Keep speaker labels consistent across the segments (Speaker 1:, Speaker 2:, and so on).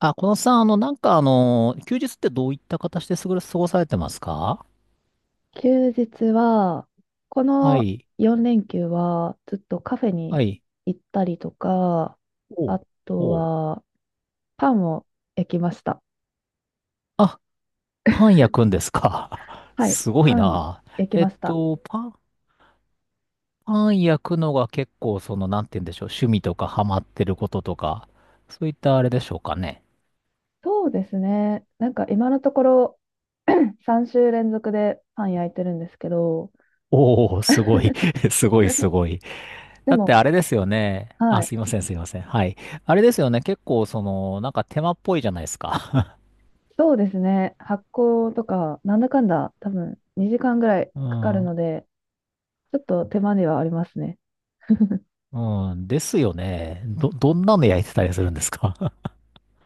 Speaker 1: あ、このさん、あの、なんかあの、休日ってどういった形で過ごされてますか？
Speaker 2: 休日は、こ
Speaker 1: は
Speaker 2: の
Speaker 1: い。
Speaker 2: 4連休はずっとカフェに
Speaker 1: はい。
Speaker 2: 行ったりとか、
Speaker 1: お
Speaker 2: あ
Speaker 1: う。
Speaker 2: と
Speaker 1: おう。
Speaker 2: はパンを焼きました。
Speaker 1: あ、パン焼くんですか？
Speaker 2: はい、
Speaker 1: すごい
Speaker 2: パン
Speaker 1: な。
Speaker 2: 焼き
Speaker 1: えっ
Speaker 2: ました。
Speaker 1: と、パン、パン焼くのが結構、その、なんて言うんでしょう。趣味とかハマってることとか、そういったあれでしょうかね。
Speaker 2: そうですね。なんか今のところ 3週連続でパン焼いてるんですけど、
Speaker 1: おお、すごい。すごい、す ごい。
Speaker 2: で
Speaker 1: だって
Speaker 2: も、
Speaker 1: あれですよね。あ、
Speaker 2: はい、
Speaker 1: すいません、すいません。はい。あれですよね。結構、その、なんか手間っぽいじゃないですか。
Speaker 2: そうですね。発酵とか、なんだかんだ多分2時間ぐらい
Speaker 1: う
Speaker 2: かかるの
Speaker 1: ん。
Speaker 2: で、ちょっと手間ではありますね。
Speaker 1: うん、ですよね。どんなの焼いてたりするんですか？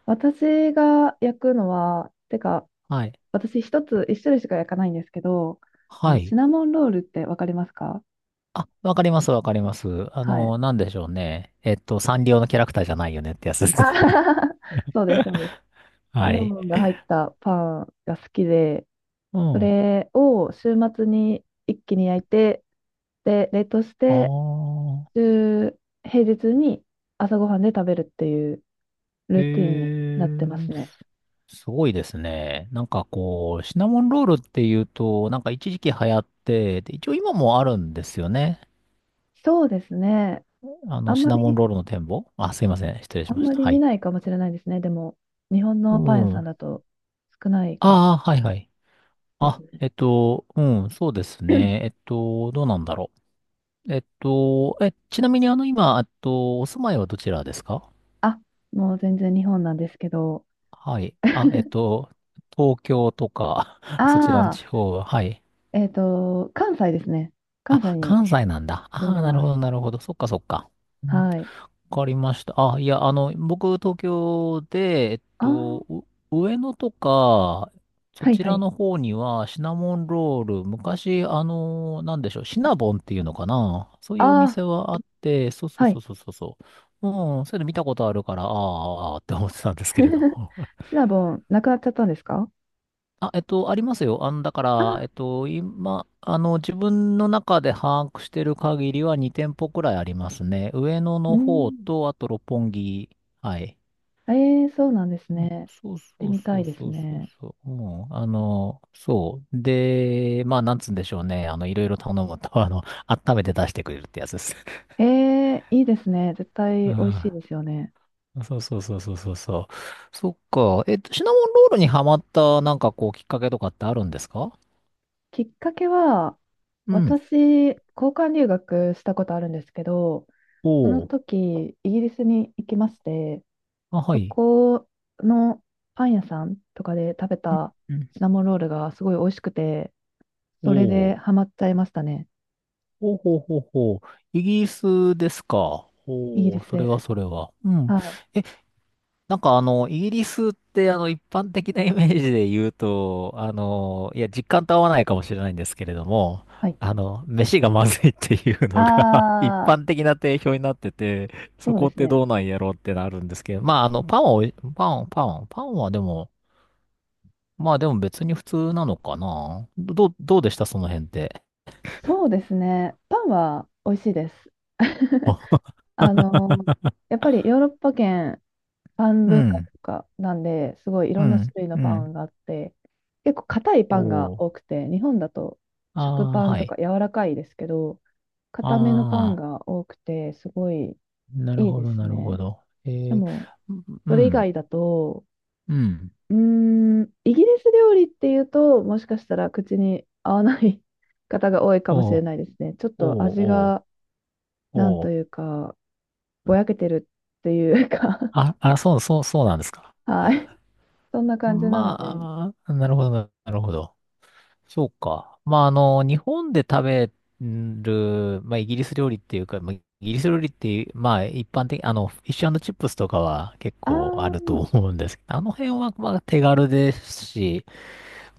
Speaker 2: 私が焼くのは、てか、
Speaker 1: はい。
Speaker 2: 私一種類しか焼かないんですけど、
Speaker 1: は
Speaker 2: シ
Speaker 1: い。
Speaker 2: ナモンロールってわかりますか？
Speaker 1: あ、わかります、わかります。あ
Speaker 2: はい。
Speaker 1: の、なんでしょうね。サンリオのキャラクターじゃないよねってやつです
Speaker 2: あ
Speaker 1: ね。
Speaker 2: はは そうです、そうです。シ
Speaker 1: は
Speaker 2: ナ
Speaker 1: い。
Speaker 2: モンが入ったパンが好きで、
Speaker 1: う
Speaker 2: そ
Speaker 1: ん。あ
Speaker 2: れを週末に一気に焼いて、で、冷凍して、
Speaker 1: あ。
Speaker 2: 週、平日に朝ごはんで食べるっていう
Speaker 1: え
Speaker 2: ルーティンになってま
Speaker 1: ー、
Speaker 2: すね。
Speaker 1: すごいですね。なんかこう、シナモンロールっていうと、なんか一時期流行って、で、一応今もあるんですよね。
Speaker 2: そうですね。
Speaker 1: あ
Speaker 2: あ
Speaker 1: の、
Speaker 2: ん
Speaker 1: シ
Speaker 2: ま
Speaker 1: ナモン
Speaker 2: り、
Speaker 1: ロールの展望あ、すいません。失礼し
Speaker 2: あん
Speaker 1: まし
Speaker 2: ま
Speaker 1: た。
Speaker 2: り
Speaker 1: は
Speaker 2: 見
Speaker 1: い。
Speaker 2: ないかもしれないですね。でも、日本
Speaker 1: う
Speaker 2: のパン屋
Speaker 1: ん。
Speaker 2: さん
Speaker 1: あ
Speaker 2: だと少ないかも
Speaker 1: あ、はいはい。
Speaker 2: です
Speaker 1: あ、
Speaker 2: ね。
Speaker 1: うん、そうですね。どうなんだろう。え、ちなみにあの、今、お住まいはどちらですか？
Speaker 2: あ、もう全然日本なんですけど、
Speaker 1: はい。あ、東京とか、そちらの
Speaker 2: ああ、
Speaker 1: 地方は、はい。
Speaker 2: 関西ですね。関西
Speaker 1: あ、
Speaker 2: に
Speaker 1: 関西なんだ。
Speaker 2: 住
Speaker 1: あ
Speaker 2: ん
Speaker 1: あ、
Speaker 2: で
Speaker 1: なる
Speaker 2: ま
Speaker 1: ほ
Speaker 2: す。
Speaker 1: ど、なるほど。そっか、そっか。
Speaker 2: はい。
Speaker 1: わかりました。あ、いや、あの、僕、東京で、
Speaker 2: ああ、
Speaker 1: 上野とか、そ
Speaker 2: はい
Speaker 1: ち
Speaker 2: は
Speaker 1: ら
Speaker 2: い。
Speaker 1: の方には、シナモンロール、昔、あの、なんでしょう、シナボンっていうのかな？そう
Speaker 2: あ
Speaker 1: いうお
Speaker 2: あ、
Speaker 1: 店はあって、そうそう
Speaker 2: は
Speaker 1: そ
Speaker 2: い。
Speaker 1: うそうそうそう。うん、それいうの見たことあるから、あーあー、って思ってたんですけれど も。
Speaker 2: シナボン、なくなっちゃったんですか？
Speaker 1: あ、ありますよ。あの、だか
Speaker 2: あ
Speaker 1: ら、
Speaker 2: あ、
Speaker 1: 今、あの、自分の中で把握してる限りは2店舗くらいありますね。上野
Speaker 2: う
Speaker 1: の方
Speaker 2: ん。
Speaker 1: と、あと六本木。はい。
Speaker 2: ええ、そうなんです
Speaker 1: う
Speaker 2: ね。
Speaker 1: ん
Speaker 2: 行っ
Speaker 1: そう
Speaker 2: て
Speaker 1: そう
Speaker 2: みた
Speaker 1: そ
Speaker 2: い
Speaker 1: う
Speaker 2: です
Speaker 1: そうそう
Speaker 2: ね。
Speaker 1: そう。うん、あの、そう。で、まあ、なんつうんでしょうね。あの、いろいろ頼むと、あの、温めて出してくれるってやつです。
Speaker 2: ええ、いいですね。絶
Speaker 1: う
Speaker 2: 対美味しい
Speaker 1: ん。
Speaker 2: ですよね。
Speaker 1: そうそうそうそうそうそう。そっか。シナモンロールにハマった、なんかこう、きっかけとかってあるんですか？
Speaker 2: きっかけは、
Speaker 1: うん。
Speaker 2: 私、交換留学したことあるんですけど、
Speaker 1: お
Speaker 2: その
Speaker 1: お。
Speaker 2: 時、イギリスに行きまして、
Speaker 1: あ、は
Speaker 2: そ
Speaker 1: い。
Speaker 2: このパン屋さんとかで食べ
Speaker 1: うん
Speaker 2: た
Speaker 1: うん
Speaker 2: シナモンロールがすごい美味しくて、
Speaker 1: お
Speaker 2: それで
Speaker 1: お。
Speaker 2: ハマっちゃいましたね。
Speaker 1: ほうほうほうほう。イギリスですか？
Speaker 2: イギ
Speaker 1: お
Speaker 2: リ
Speaker 1: お、
Speaker 2: ス
Speaker 1: それ
Speaker 2: で
Speaker 1: は
Speaker 2: す。
Speaker 1: それは。うん。
Speaker 2: はい。
Speaker 1: なんかあの、イギリスってあの、一般的なイメージで言うと、あの、いや、実感と合わないかもしれないんですけれども、
Speaker 2: はい。
Speaker 1: あの、飯がまずいっていうのが 一
Speaker 2: ああ、
Speaker 1: 般的な定評になってて、そ
Speaker 2: そうで
Speaker 1: こっ
Speaker 2: す
Speaker 1: て
Speaker 2: ね。
Speaker 1: どうなんやろうってなるんですけど、まああの、パンを、パンはでも、まあでも別に普通なのかな。どうでしたその辺って？
Speaker 2: そうですね。パンは美味しいです。
Speaker 1: あ
Speaker 2: あの、やっぱりヨーロッパ圏パン
Speaker 1: う
Speaker 2: 文化
Speaker 1: ん、
Speaker 2: とかなんで、すごいい
Speaker 1: う
Speaker 2: ろんな種
Speaker 1: ん、
Speaker 2: 類の
Speaker 1: う
Speaker 2: パ
Speaker 1: ん。
Speaker 2: ンがあって、結構硬いパンが
Speaker 1: おー。
Speaker 2: 多くて、日本だと
Speaker 1: あ
Speaker 2: 食
Speaker 1: あ、
Speaker 2: パン
Speaker 1: は
Speaker 2: とか
Speaker 1: い。
Speaker 2: 柔らかいですけど、硬めのパ
Speaker 1: あ
Speaker 2: ン
Speaker 1: あ。
Speaker 2: が多くて、すごい
Speaker 1: なる
Speaker 2: いい
Speaker 1: ほ
Speaker 2: で
Speaker 1: ど、
Speaker 2: す
Speaker 1: なるほ
Speaker 2: ね。
Speaker 1: ど。え
Speaker 2: で
Speaker 1: ー、
Speaker 2: も、
Speaker 1: う
Speaker 2: それ以
Speaker 1: ん、
Speaker 2: 外だと、
Speaker 1: うん。
Speaker 2: うーん、イギリス料理っていうと、もしかしたら口に合わない 方が多いかもし
Speaker 1: お
Speaker 2: れ
Speaker 1: う、
Speaker 2: ないですね。ちょっと
Speaker 1: おう、
Speaker 2: 味
Speaker 1: おう、
Speaker 2: が、なん
Speaker 1: お
Speaker 2: と
Speaker 1: う。
Speaker 2: いうか、ぼやけてるっていうか
Speaker 1: あ、あ、そう、そう、そうなんですか？
Speaker 2: はい。そんな感じなので、
Speaker 1: まあ、なるほど、なるほど。そうか。まあ、あの、日本で食べる、まあ、イギリス料理っていうか、まあ、イギリス料理っていう、まあ、一般的、あの、フィッシュチップスとかは結
Speaker 2: あ
Speaker 1: 構ある
Speaker 2: ー、
Speaker 1: と思うんですけど、あの辺は、まあ、手軽ですし、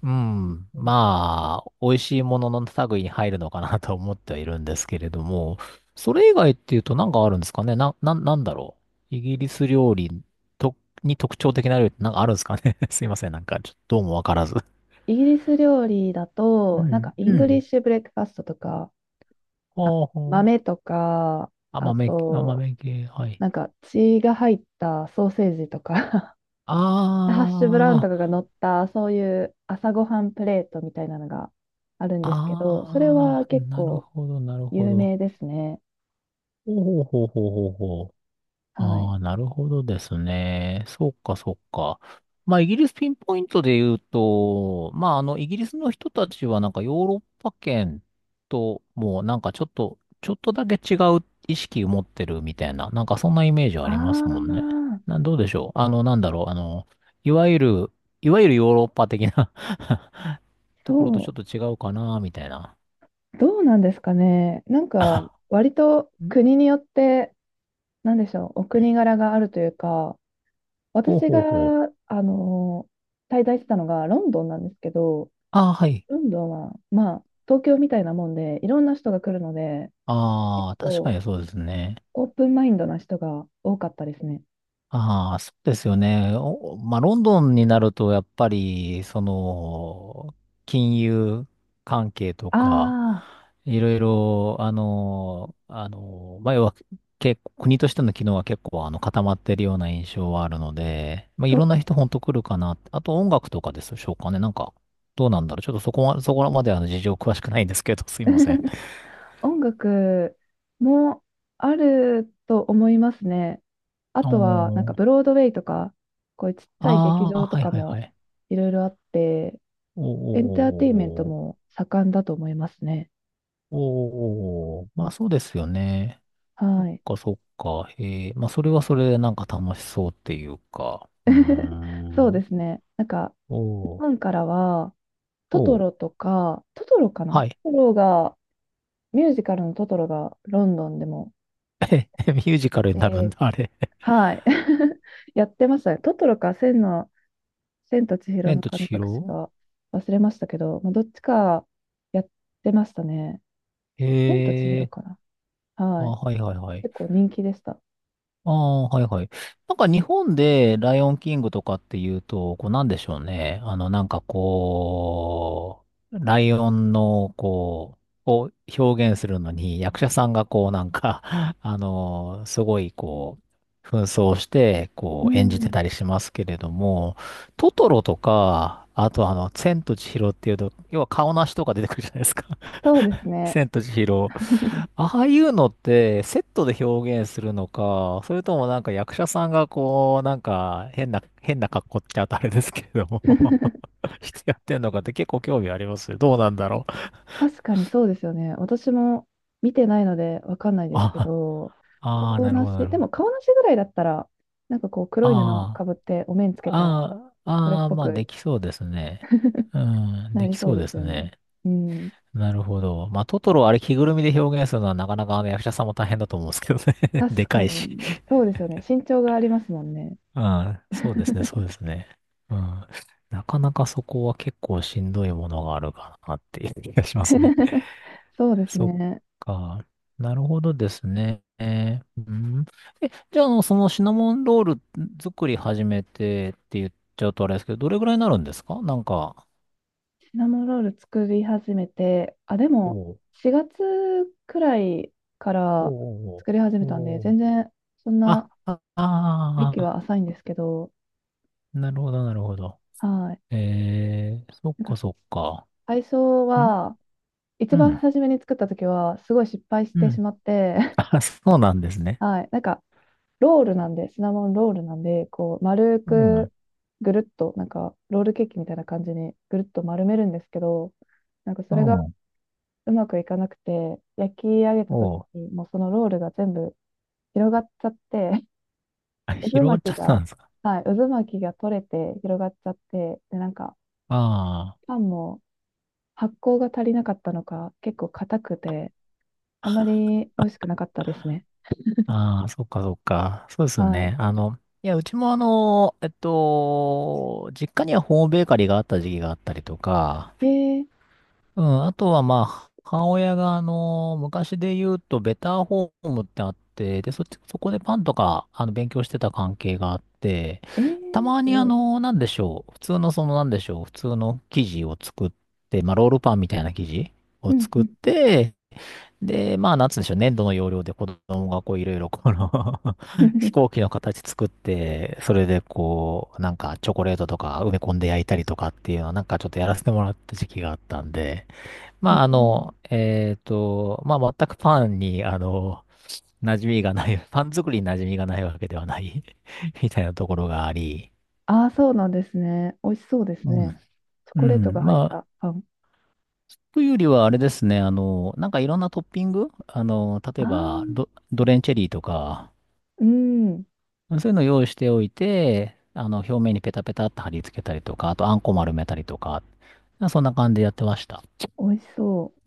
Speaker 1: うん。まあ、美味しいものの類に入るのかなと思ってはいるんですけれども、それ以外っていうと何かあるんですかねなんだろう。イギリス料理と、に特徴的な料理って何かあるんですかね？ すいません。なんか、ちょっとどうもわからず。
Speaker 2: イギリス料理だ
Speaker 1: う
Speaker 2: と、なんか
Speaker 1: ん、
Speaker 2: イ
Speaker 1: う
Speaker 2: ングリッ
Speaker 1: ん。
Speaker 2: シュブレックファストとか、あ、
Speaker 1: ほうほう。
Speaker 2: 豆とか、あ
Speaker 1: 甘め、甘
Speaker 2: と、
Speaker 1: め系、はい。
Speaker 2: なんか血が入ったソーセージとか ハッシュブラウンと
Speaker 1: あ
Speaker 2: かが
Speaker 1: ー、
Speaker 2: 乗った、そういう朝ごはんプレートみたいなのがあるんですけど、それは
Speaker 1: あ
Speaker 2: 結
Speaker 1: ー、なる
Speaker 2: 構
Speaker 1: ほど、なるほ
Speaker 2: 有
Speaker 1: ど。
Speaker 2: 名ですね。
Speaker 1: ほうほうほうほうほうほう。
Speaker 2: はい。
Speaker 1: ああ、なるほどですね。そうか、そうか。まあ、イギリスピンポイントで言うと、まあ、あの、イギリスの人たちはなんかヨーロッパ圏ともうなんかちょっと、ちょっとだけ違う意識を持ってるみたいな、なんかそんなイメージはあ
Speaker 2: あ
Speaker 1: りますもんね。
Speaker 2: あ、
Speaker 1: な、どうでしょう。あの、なんだろう。あの、いわゆる、いわゆるヨーロッパ的な ところとち
Speaker 2: そ
Speaker 1: ょっと違うかな、みたいな。
Speaker 2: う、どうなんですかね。なんか、割と
Speaker 1: ん
Speaker 2: 国によって、なんでしょう、お国柄があるというか、
Speaker 1: ほう
Speaker 2: 私が、
Speaker 1: ほうほう。
Speaker 2: あの滞在してたのがロンドンなんですけど、
Speaker 1: ああ、はい。
Speaker 2: ロンドンは、まあ、東京みたいなもんで、いろんな人が来るので、結
Speaker 1: ああ、確か
Speaker 2: 構
Speaker 1: にそうですね。
Speaker 2: オープンマインドな人が多かったですね。
Speaker 1: ああ、そうですよね。おまあ、ロンドンになると、やっぱり、その、金融関係とか、
Speaker 2: ああ、
Speaker 1: いろいろ、あの、あの、まあ、要は、結構、国としての機能は結構、あの、固まってるような印象はあるので、まあ、い
Speaker 2: そ
Speaker 1: ろ
Speaker 2: う
Speaker 1: ん
Speaker 2: で
Speaker 1: な
Speaker 2: す
Speaker 1: 人ほ
Speaker 2: ね。
Speaker 1: んと来るかなって。あと、音楽とかでしょうかね。なんか、どうなんだろう。ちょっとそこは、そこまで、あの、事情詳しくないんですけど、すいません。
Speaker 2: 音楽もあると思いますね。あとは、なん
Speaker 1: お
Speaker 2: か
Speaker 1: ー。
Speaker 2: ブロードウェイとか、こういうちっちゃい劇
Speaker 1: ああ、
Speaker 2: 場と
Speaker 1: はい
Speaker 2: か
Speaker 1: はいは
Speaker 2: も
Speaker 1: い。
Speaker 2: いろいろあって、
Speaker 1: おー
Speaker 2: エンターテインメント
Speaker 1: おーおー
Speaker 2: も盛んだと思いますね。
Speaker 1: おー、まあそうですよね。そ
Speaker 2: は
Speaker 1: っ
Speaker 2: い。
Speaker 1: か、そっか。へえ、まあそれはそれでなんか楽しそうっていうか。うー
Speaker 2: そうで
Speaker 1: ん。
Speaker 2: すね。なんか
Speaker 1: お
Speaker 2: ファン
Speaker 1: ー、
Speaker 2: からは、トト
Speaker 1: おー、
Speaker 2: ロとか、トトロかな、
Speaker 1: はい。
Speaker 2: トトロが、ミュージカルのトトロがロンドンでも、
Speaker 1: ミュージカルになるん
Speaker 2: で、
Speaker 1: だ、あれ。
Speaker 2: はい、やってましたね。トトロか、千と千尋
Speaker 1: 千
Speaker 2: の
Speaker 1: と
Speaker 2: 神
Speaker 1: 千
Speaker 2: 隠し
Speaker 1: 尋
Speaker 2: か忘れましたけど、まあ、どっちかやってましたね。
Speaker 1: へ
Speaker 2: 千と千尋
Speaker 1: え、
Speaker 2: かな。
Speaker 1: あ、
Speaker 2: はい。
Speaker 1: はいはいはい。
Speaker 2: 結構人気でした。
Speaker 1: ああ、はいはい。なんか日本でライオンキングとかっていうと、こうなんでしょうね。あの、なんかこう、ライオンのこう、を表現するのに役者さんがこうなんか、あの、すごいこう、紛争して、
Speaker 2: う
Speaker 1: こう演じて
Speaker 2: ん、
Speaker 1: たりしますけれども、トトロとか、あとあの、千と千尋っていうと、要は顔なしとか出てくるじゃないですか。
Speaker 2: そうです ね。
Speaker 1: 千と千尋。ああいうのってセットで表現するのか、それともなんか役者さんがこう、なんか変な、変な格好って言っちゃうとあれですけれども してやってんのかって結構興味ありますよ。どうなんだろう。
Speaker 2: 確かにそうですよね。私も見てないのでわかんないですけ
Speaker 1: あ、
Speaker 2: ど、
Speaker 1: ああ、
Speaker 2: 顔
Speaker 1: なる
Speaker 2: な
Speaker 1: ほど、
Speaker 2: し、
Speaker 1: なる
Speaker 2: で
Speaker 1: ほ
Speaker 2: も
Speaker 1: ど。
Speaker 2: 顔なしぐらいだったら、なんかこう黒い布か
Speaker 1: あ
Speaker 2: ぶってお面つ
Speaker 1: あ、
Speaker 2: けたら、
Speaker 1: ああ、
Speaker 2: それっ
Speaker 1: ああ、
Speaker 2: ぽ
Speaker 1: まあで
Speaker 2: く
Speaker 1: きそうですね。うん、
Speaker 2: な
Speaker 1: で
Speaker 2: り
Speaker 1: き
Speaker 2: そ
Speaker 1: そ
Speaker 2: う
Speaker 1: うで
Speaker 2: です
Speaker 1: す
Speaker 2: よね。
Speaker 1: ね。
Speaker 2: うん。
Speaker 1: なるほど。まあトトロあれ着ぐるみで表現するのはなかなかあの役者さんも大変だと思うんですけどね。で
Speaker 2: 確
Speaker 1: か
Speaker 2: か
Speaker 1: いし
Speaker 2: に、そうですよね。身長がありますもんね。
Speaker 1: ああ、そうですね、そうですね。うん。なかなかそこは結構しんどいものがあるかなっていう気がしますね。
Speaker 2: そうです
Speaker 1: そっ
Speaker 2: ね。
Speaker 1: か。なるほどですね。えーうん。え、じゃあ、あの、そのシナモンロール作り始めてって言っちゃうとあれですけど、どれぐらいになるんですかなんか？
Speaker 2: シナモンロール作り始めて、あ、で
Speaker 1: お
Speaker 2: も
Speaker 1: う
Speaker 2: 4月くらいか
Speaker 1: お
Speaker 2: ら
Speaker 1: う
Speaker 2: 作り始め
Speaker 1: お
Speaker 2: たんで、
Speaker 1: うおう
Speaker 2: 全然そん
Speaker 1: あ、
Speaker 2: な
Speaker 1: あ
Speaker 2: 歴
Speaker 1: あ
Speaker 2: は浅いんですけど、
Speaker 1: ー、なるほど、なるほど。
Speaker 2: はい。
Speaker 1: えー、そっ
Speaker 2: なん
Speaker 1: か
Speaker 2: か
Speaker 1: そっか。
Speaker 2: 最初
Speaker 1: ん
Speaker 2: は、一
Speaker 1: う
Speaker 2: 番
Speaker 1: ん。
Speaker 2: 初めに作った時は、すごい失敗し
Speaker 1: う
Speaker 2: てし
Speaker 1: ん。
Speaker 2: まって、
Speaker 1: あ、そうなんです ね。
Speaker 2: はい、なんか、ロールなんで、シナモンロールなんで、こう、丸
Speaker 1: うん。
Speaker 2: く、ぐるっと、なんか、ロールケーキみたいな感じに、ぐるっと丸めるんですけど、なんか、そ
Speaker 1: う
Speaker 2: れが
Speaker 1: ん。
Speaker 2: うまくいかなくて、焼き上げた時
Speaker 1: おう。
Speaker 2: に、もうそのロールが全部広がっちゃって、
Speaker 1: あ、
Speaker 2: 渦
Speaker 1: 広がっち
Speaker 2: 巻
Speaker 1: ゃ
Speaker 2: き
Speaker 1: った
Speaker 2: が、
Speaker 1: んですか？
Speaker 2: はい、渦巻きが取れて広がっちゃって、で、なんか、
Speaker 1: あ
Speaker 2: パンも発酵が足りなかったのか、結構硬くて、あまり美味しくなかったですね。
Speaker 1: あ、ああ、そっかそっか。そうです
Speaker 2: は
Speaker 1: ね。あの、いや、うちもあの、実家にはホームベーカリーがあった時期があったりとか、
Speaker 2: い。えー、
Speaker 1: うん、あとはまあ、母親があの、昔で言うと、ベターホームってあって、で、そっち、そこでパンとか、あの、勉強してた関係があって、
Speaker 2: え
Speaker 1: た
Speaker 2: ー、
Speaker 1: ま
Speaker 2: す
Speaker 1: にあ
Speaker 2: ごい。
Speaker 1: の、なんでしょう、普通のその、なんでしょう、普通の生地を作って、まあ、ロールパンみたいな生地を
Speaker 2: うんう
Speaker 1: 作っ
Speaker 2: ん。
Speaker 1: て、で、まあ、なんつうんでしょうね、粘土の要領で子供がこう、いろいろこの 飛 行機の形作って、それでこう、なんかチョコレートとか埋め込んで焼いたりとかっていうのをなんかちょっとやらせてもらった時期があったんで、
Speaker 2: え
Speaker 1: まあ、あ
Speaker 2: ー、
Speaker 1: の、まあ、全くパンに、あの、馴染みがない、パン作りに馴染みがないわけではない みたいなところがあり、
Speaker 2: ああ、そうなんですね。美味しそうです
Speaker 1: う
Speaker 2: ね。
Speaker 1: ん。
Speaker 2: チョ
Speaker 1: う
Speaker 2: コレート
Speaker 1: ん。
Speaker 2: が入っ
Speaker 1: まあ、
Speaker 2: たパン。
Speaker 1: というよりはあれですね、あの、なんかいろんなトッピング、あの、
Speaker 2: あ
Speaker 1: 例え
Speaker 2: あ、
Speaker 1: ばドレンチェリーとか、
Speaker 2: うん。
Speaker 1: そういうのを用意しておいて、あの、表面にペタペタって貼り付けたりとか、あと、あんこ丸めたりとか、そんな感じでやってました。
Speaker 2: 美味しそう。